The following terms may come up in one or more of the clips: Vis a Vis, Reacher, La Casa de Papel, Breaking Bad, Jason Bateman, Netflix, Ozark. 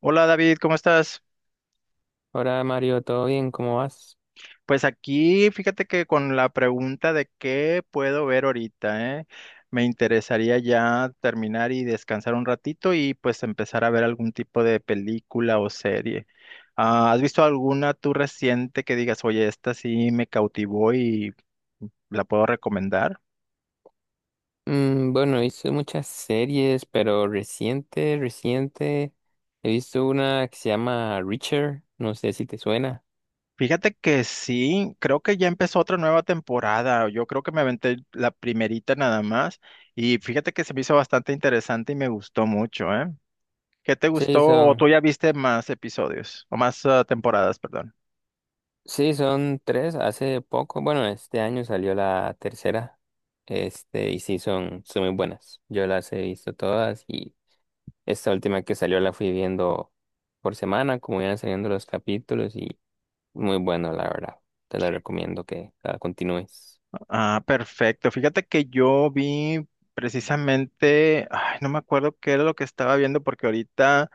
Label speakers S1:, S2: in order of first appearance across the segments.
S1: Hola David, ¿cómo estás?
S2: Hola Mario, ¿todo bien? ¿Cómo vas?
S1: Pues aquí, fíjate que con la pregunta de qué puedo ver ahorita, ¿eh? Me interesaría ya terminar y descansar un ratito y pues empezar a ver algún tipo de película o serie. Ah, ¿has visto alguna tú reciente que digas, oye, esta sí me cautivó y la puedo recomendar?
S2: Bueno, he visto muchas series, pero reciente, reciente, he visto una que se llama Reacher, no sé si te suena.
S1: Fíjate que sí, creo que ya empezó otra nueva temporada. Yo creo que me aventé la primerita nada más y fíjate que se me hizo bastante interesante y me gustó mucho, ¿eh? ¿Qué te
S2: Sí,
S1: gustó o tú
S2: son,
S1: ya viste más episodios o más temporadas, perdón?
S2: sí, son 3, hace poco, bueno, este año salió la tercera, este, y son muy buenas. Yo las he visto todas y esta última que salió la fui viendo por semana, como iban saliendo los capítulos y muy bueno, la verdad. Te la recomiendo que la continúes.
S1: Ah, perfecto. Fíjate que yo vi precisamente, ay, no me acuerdo qué era lo que estaba viendo porque ahorita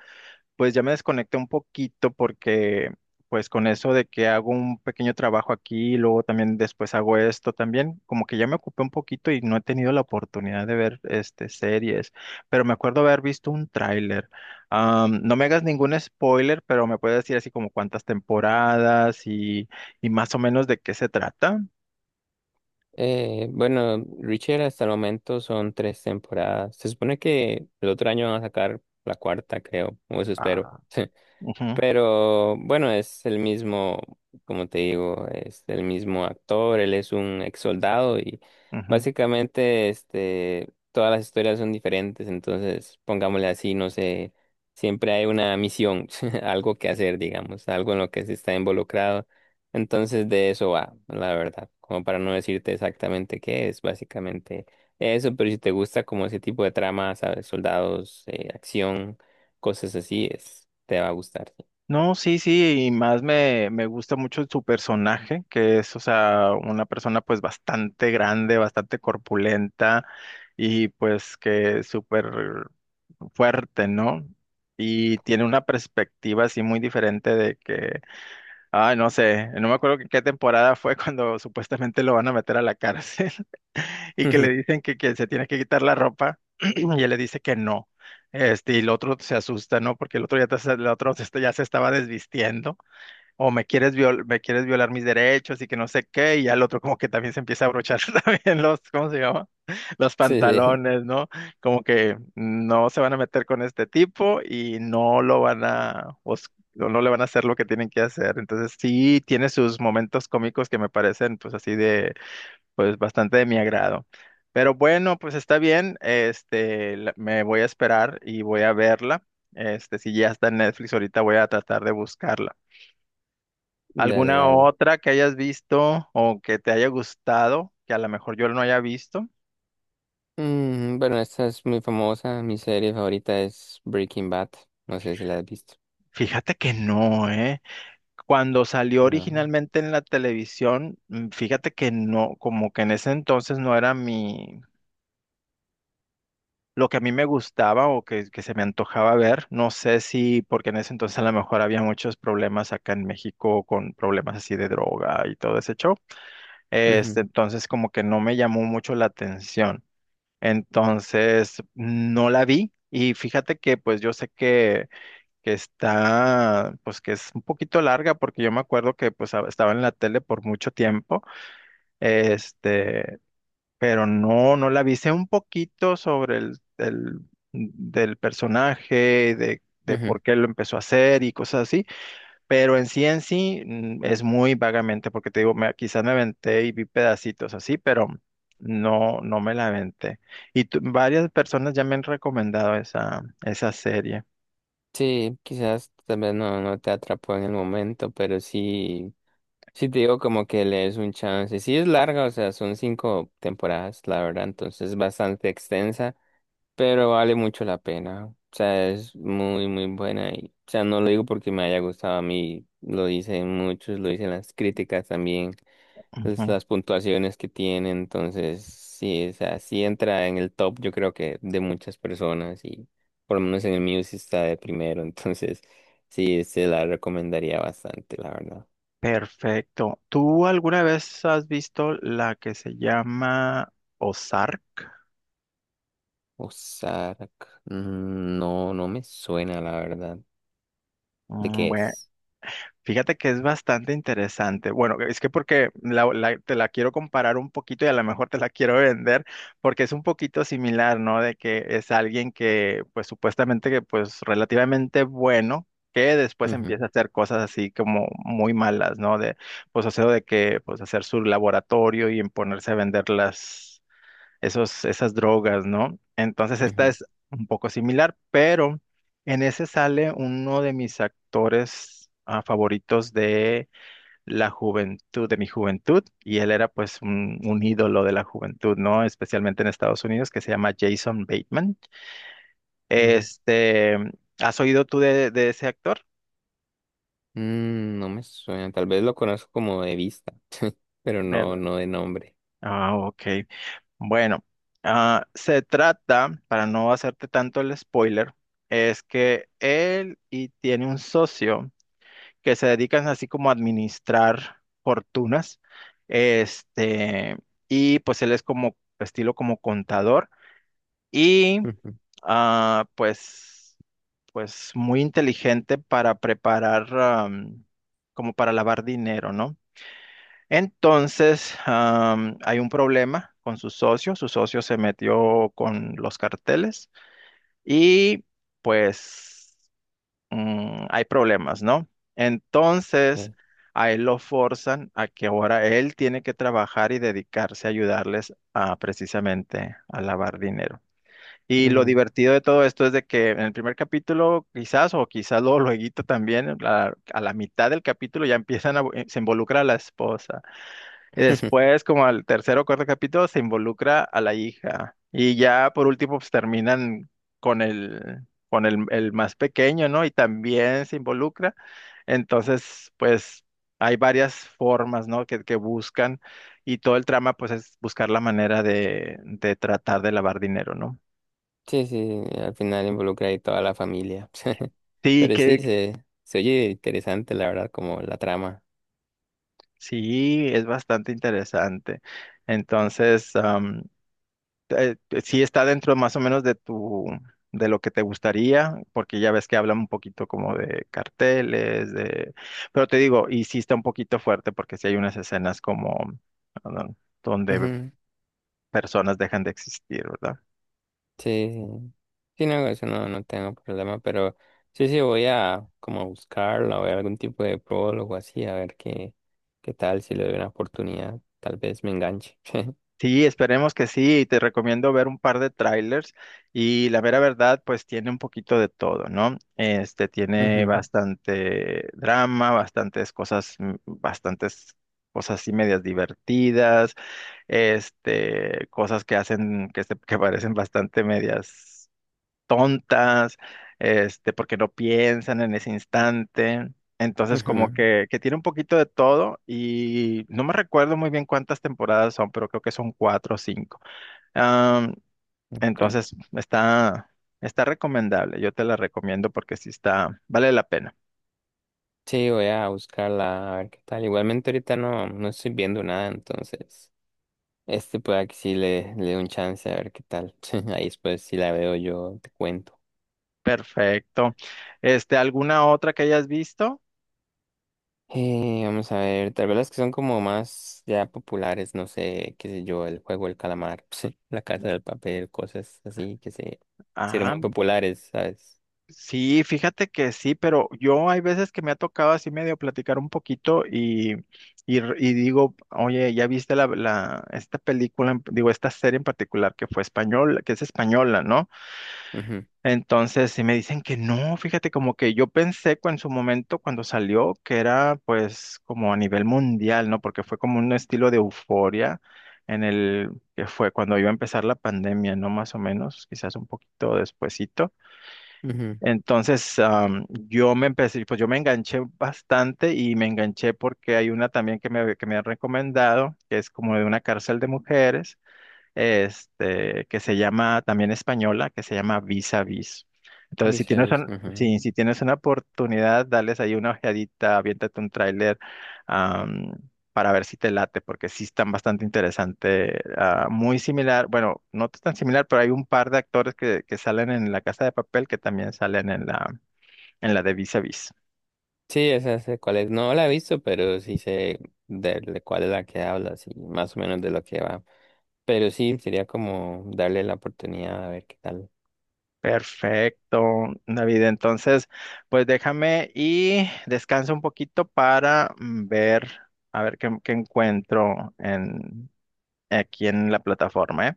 S1: pues ya me desconecté un poquito porque pues con eso de que hago un pequeño trabajo aquí, y luego también después hago esto también, como que ya me ocupé un poquito y no he tenido la oportunidad de ver este series, pero me acuerdo haber visto un tráiler. No me hagas ningún spoiler, pero me puedes decir así como cuántas temporadas y más o menos de qué se trata.
S2: Bueno, Richard, hasta el momento son 3 temporadas. Se supone que el otro año van a sacar la cuarta, creo, o eso espero.
S1: Ah, ujú,
S2: Pero bueno, es el mismo, como te digo, es el mismo actor, él es un ex soldado y
S1: ujú.
S2: básicamente este, todas las historias son diferentes, entonces pongámosle así, no sé, siempre hay una misión, algo que hacer, digamos, algo en lo que se está involucrado, entonces de eso va, la verdad, como para no decirte exactamente qué es, básicamente eso, pero si te gusta como ese tipo de trama, sabes, soldados, acción, cosas así, es, te va a gustar.
S1: No, sí, sí, y más me gusta mucho su personaje, que es, o sea, una persona pues bastante grande, bastante corpulenta y pues que es súper fuerte, ¿no? Y tiene una perspectiva así muy diferente de que ah, no sé, no me acuerdo qué temporada fue cuando supuestamente lo van a meter a la cárcel y que le
S2: Ujú.
S1: dicen que se tiene que quitar la ropa y él le dice que no. Este, y el otro se asusta, ¿no? Porque el otro ya, el otro ya se estaba desvistiendo o me quieres me quieres violar mis derechos y que no sé qué, y al otro como que también se empieza a abrochar también los, ¿cómo se llama? Los
S2: Sí, sí,
S1: pantalones, ¿no? Como que no se van a meter con este tipo y no lo van a, o no le van a hacer lo que tienen que hacer. Entonces sí tiene sus momentos cómicos que me parecen pues así de, pues bastante de mi agrado. Pero bueno, pues está bien, este, me voy a esperar y voy a verla. Este, si ya está en Netflix ahorita voy a tratar de buscarla.
S2: dale,
S1: ¿Alguna
S2: dale.
S1: otra que hayas visto o que te haya gustado, que a lo mejor yo no haya visto?
S2: Bueno, esta es muy famosa. Mi serie favorita es Breaking Bad. No sé si la has visto.
S1: Fíjate que no, ¿eh? Cuando salió
S2: No.
S1: originalmente en la televisión, fíjate que no, como que en ese entonces no era mi, lo que a mí me gustaba o que se me antojaba ver. No sé si, porque en ese entonces a lo mejor había muchos problemas acá en México con problemas así de droga y todo ese show. Este,
S2: Ujú,
S1: entonces como que no me llamó mucho la atención. Entonces, no la vi y fíjate que pues yo sé que está, pues que es un poquito larga porque yo me acuerdo que pues estaba en la tele por mucho tiempo, este, pero no, no la vi. Sé un poquito sobre el, del personaje, de
S2: ujú.
S1: por qué lo empezó a hacer y cosas así. Pero en sí es muy vagamente, porque te digo, me, quizás me aventé y vi pedacitos así, pero no, no me la aventé. Varias personas ya me han recomendado esa, esa serie.
S2: Sí, quizás tal vez no, no te atrapó en el momento, pero sí, sí te digo como que le des un chance. Sí es larga, o sea, son 5 temporadas, la verdad, entonces es bastante extensa, pero vale mucho la pena. O sea, es muy, muy buena y, o sea, no lo digo porque me haya gustado a mí, lo dicen muchos, lo dicen las críticas también. Pues,
S1: Ujú.
S2: las puntuaciones que tiene, entonces sí, o sea, sí entra en el top, yo creo que de muchas personas y por lo menos en el mío sí está de primero, entonces sí, se la recomendaría bastante, la verdad.
S1: Perfecto. ¿Tú alguna vez has visto la que se llama Ozark?
S2: Ozark, no, no me suena, la verdad. ¿De qué
S1: Bueno.
S2: es?
S1: Fíjate que es bastante interesante. Bueno, es que porque te la quiero comparar un poquito y a lo mejor te la quiero vender porque es un poquito similar, ¿no? De que es alguien que pues supuestamente que pues relativamente bueno, que después
S2: Ujú,
S1: empieza a hacer cosas así como muy malas, ¿no? De pues hacer de que pues hacer su laboratorio y en ponerse a venderlas esos, esas drogas, ¿no? Entonces esta
S2: ujú,
S1: es un poco similar, pero en ese sale uno de mis actores favoritos de la juventud, de mi juventud, y él era pues un ídolo de la juventud, ¿no? Especialmente en Estados Unidos, que se llama Jason Bateman.
S2: ujú.
S1: Este, ¿has oído tú de ese actor?
S2: No me suena, tal vez lo conozco como de vista, pero
S1: ¿Verdad?
S2: no, no de nombre.
S1: Ah, ok. Bueno, ah, se trata, para no hacerte tanto el spoiler, es que él y tiene un socio que se dedican así como a administrar fortunas, este, y pues él es como estilo como contador y
S2: Ujú,
S1: ah, pues pues muy inteligente para preparar como para lavar dinero, ¿no? Entonces, hay un problema con su socio. Su socio se metió con los carteles y pues hay problemas, ¿no? Entonces,
S2: sí.
S1: a él lo forzan a que ahora él tiene que trabajar y dedicarse a ayudarles a precisamente a lavar dinero. Y lo
S2: Ujú.
S1: divertido de todo esto es de que en el primer capítulo, quizás, o quizás luego, lueguito también, a la mitad del capítulo ya empiezan a, se involucra la esposa. Y después, como al tercer o cuarto capítulo, se involucra a la hija. Y ya por último, pues terminan con el más pequeño, ¿no? Y también se involucra. Entonces, pues hay varias formas, ¿no? Que buscan. Y todo el trama, pues, es buscar la manera de tratar de lavar dinero, ¿no?
S2: Sí, sí, al final involucra ahí toda la familia.
S1: Sí,
S2: Pero sí,
S1: que
S2: se oye interesante, la verdad, como la trama.
S1: sí, es bastante interesante. Entonces, eh, sí está dentro más o menos de tu, de lo que te gustaría, porque ya ves que hablan un poquito como de carteles, de, pero te digo, y sí está un poquito fuerte porque sí hay unas escenas como ah, donde
S2: Ujú,
S1: personas dejan de existir, ¿verdad?
S2: sí, sí, sí, no, eso no, no tengo problema, pero sí, sí, voy a como buscarla, voy a algún tipo de prólogo así, a ver qué, qué tal, si le doy una oportunidad, tal vez me enganche.
S1: Sí, esperemos que sí, y te recomiendo ver un par de trailers y la mera verdad, pues tiene un poquito de todo, ¿no? Este tiene
S2: Ujú,
S1: bastante drama, bastantes cosas, bastantes cosas así medias divertidas, este, cosas que hacen, que, que parecen bastante medias tontas, este, porque no piensan en ese instante. Entonces, como
S2: ujú,
S1: que tiene un poquito de todo y no me recuerdo muy bien cuántas temporadas son, pero creo que son cuatro o cinco. Am,
S2: okay.
S1: entonces, está, está recomendable. Yo te la recomiendo porque sí está, vale la pena.
S2: Sí, voy a buscarla, a ver qué tal. Igualmente ahorita no, no estoy viendo nada, entonces... Este pueda que sí le dé un chance a ver qué tal. Ahí después si la veo yo te cuento.
S1: Perfecto. Este, ¿alguna otra que hayas visto?
S2: Vamos a ver, tal vez las que son como más ya populares, no sé, qué sé yo, el juego del calamar, la casa del papel, cosas así que se hicieron
S1: Ah,
S2: muy populares, sabes.
S1: sí, fíjate que sí, pero yo hay veces que me ha tocado así medio platicar un poquito y, y digo, oye, ¿ya viste la, esta película, digo, esta serie en particular que fue española, que es española, ¿no?
S2: Ujú,
S1: Entonces, sí me dicen que no, fíjate, como que yo pensé en su momento cuando salió que era pues como a nivel mundial, ¿no? Porque fue como un estilo de euforia en el que fue cuando iba a empezar la pandemia, ¿no? Más o menos, quizás un poquito despuesito.
S2: ujú,
S1: Entonces, yo me empecé, pues yo me enganché bastante y me enganché porque hay una también que me han recomendado, que es como de una cárcel de mujeres este, que se llama también española, que se llama Vis a Vis. Entonces, si
S2: Vis a
S1: tienes,
S2: vis, ujú.
S1: si, si tienes una oportunidad, dales ahí una ojeadita, aviéntate un tráiler am, para ver si te late, porque sí están bastante interesante. Ah, muy similar, bueno, no tan similar, pero hay un par de actores que salen en La Casa de Papel que también salen en la de Vis a Vis.
S2: Sí, esa sé cuál es. No la he visto, pero sí sé de cuál es la que hablas y más o menos de lo que va. Pero sí, sería como darle la oportunidad a ver qué tal.
S1: Perfecto, David. Entonces, pues déjame y descansa un poquito para ver, a ver qué, qué encuentro en, aquí en la plataforma, ¿eh?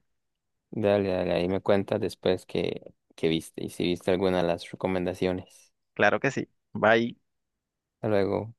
S2: Dale, dale, ahí me cuentas después que viste y si viste alguna de las recomendaciones.
S1: Claro que sí. Bye.
S2: Hasta luego.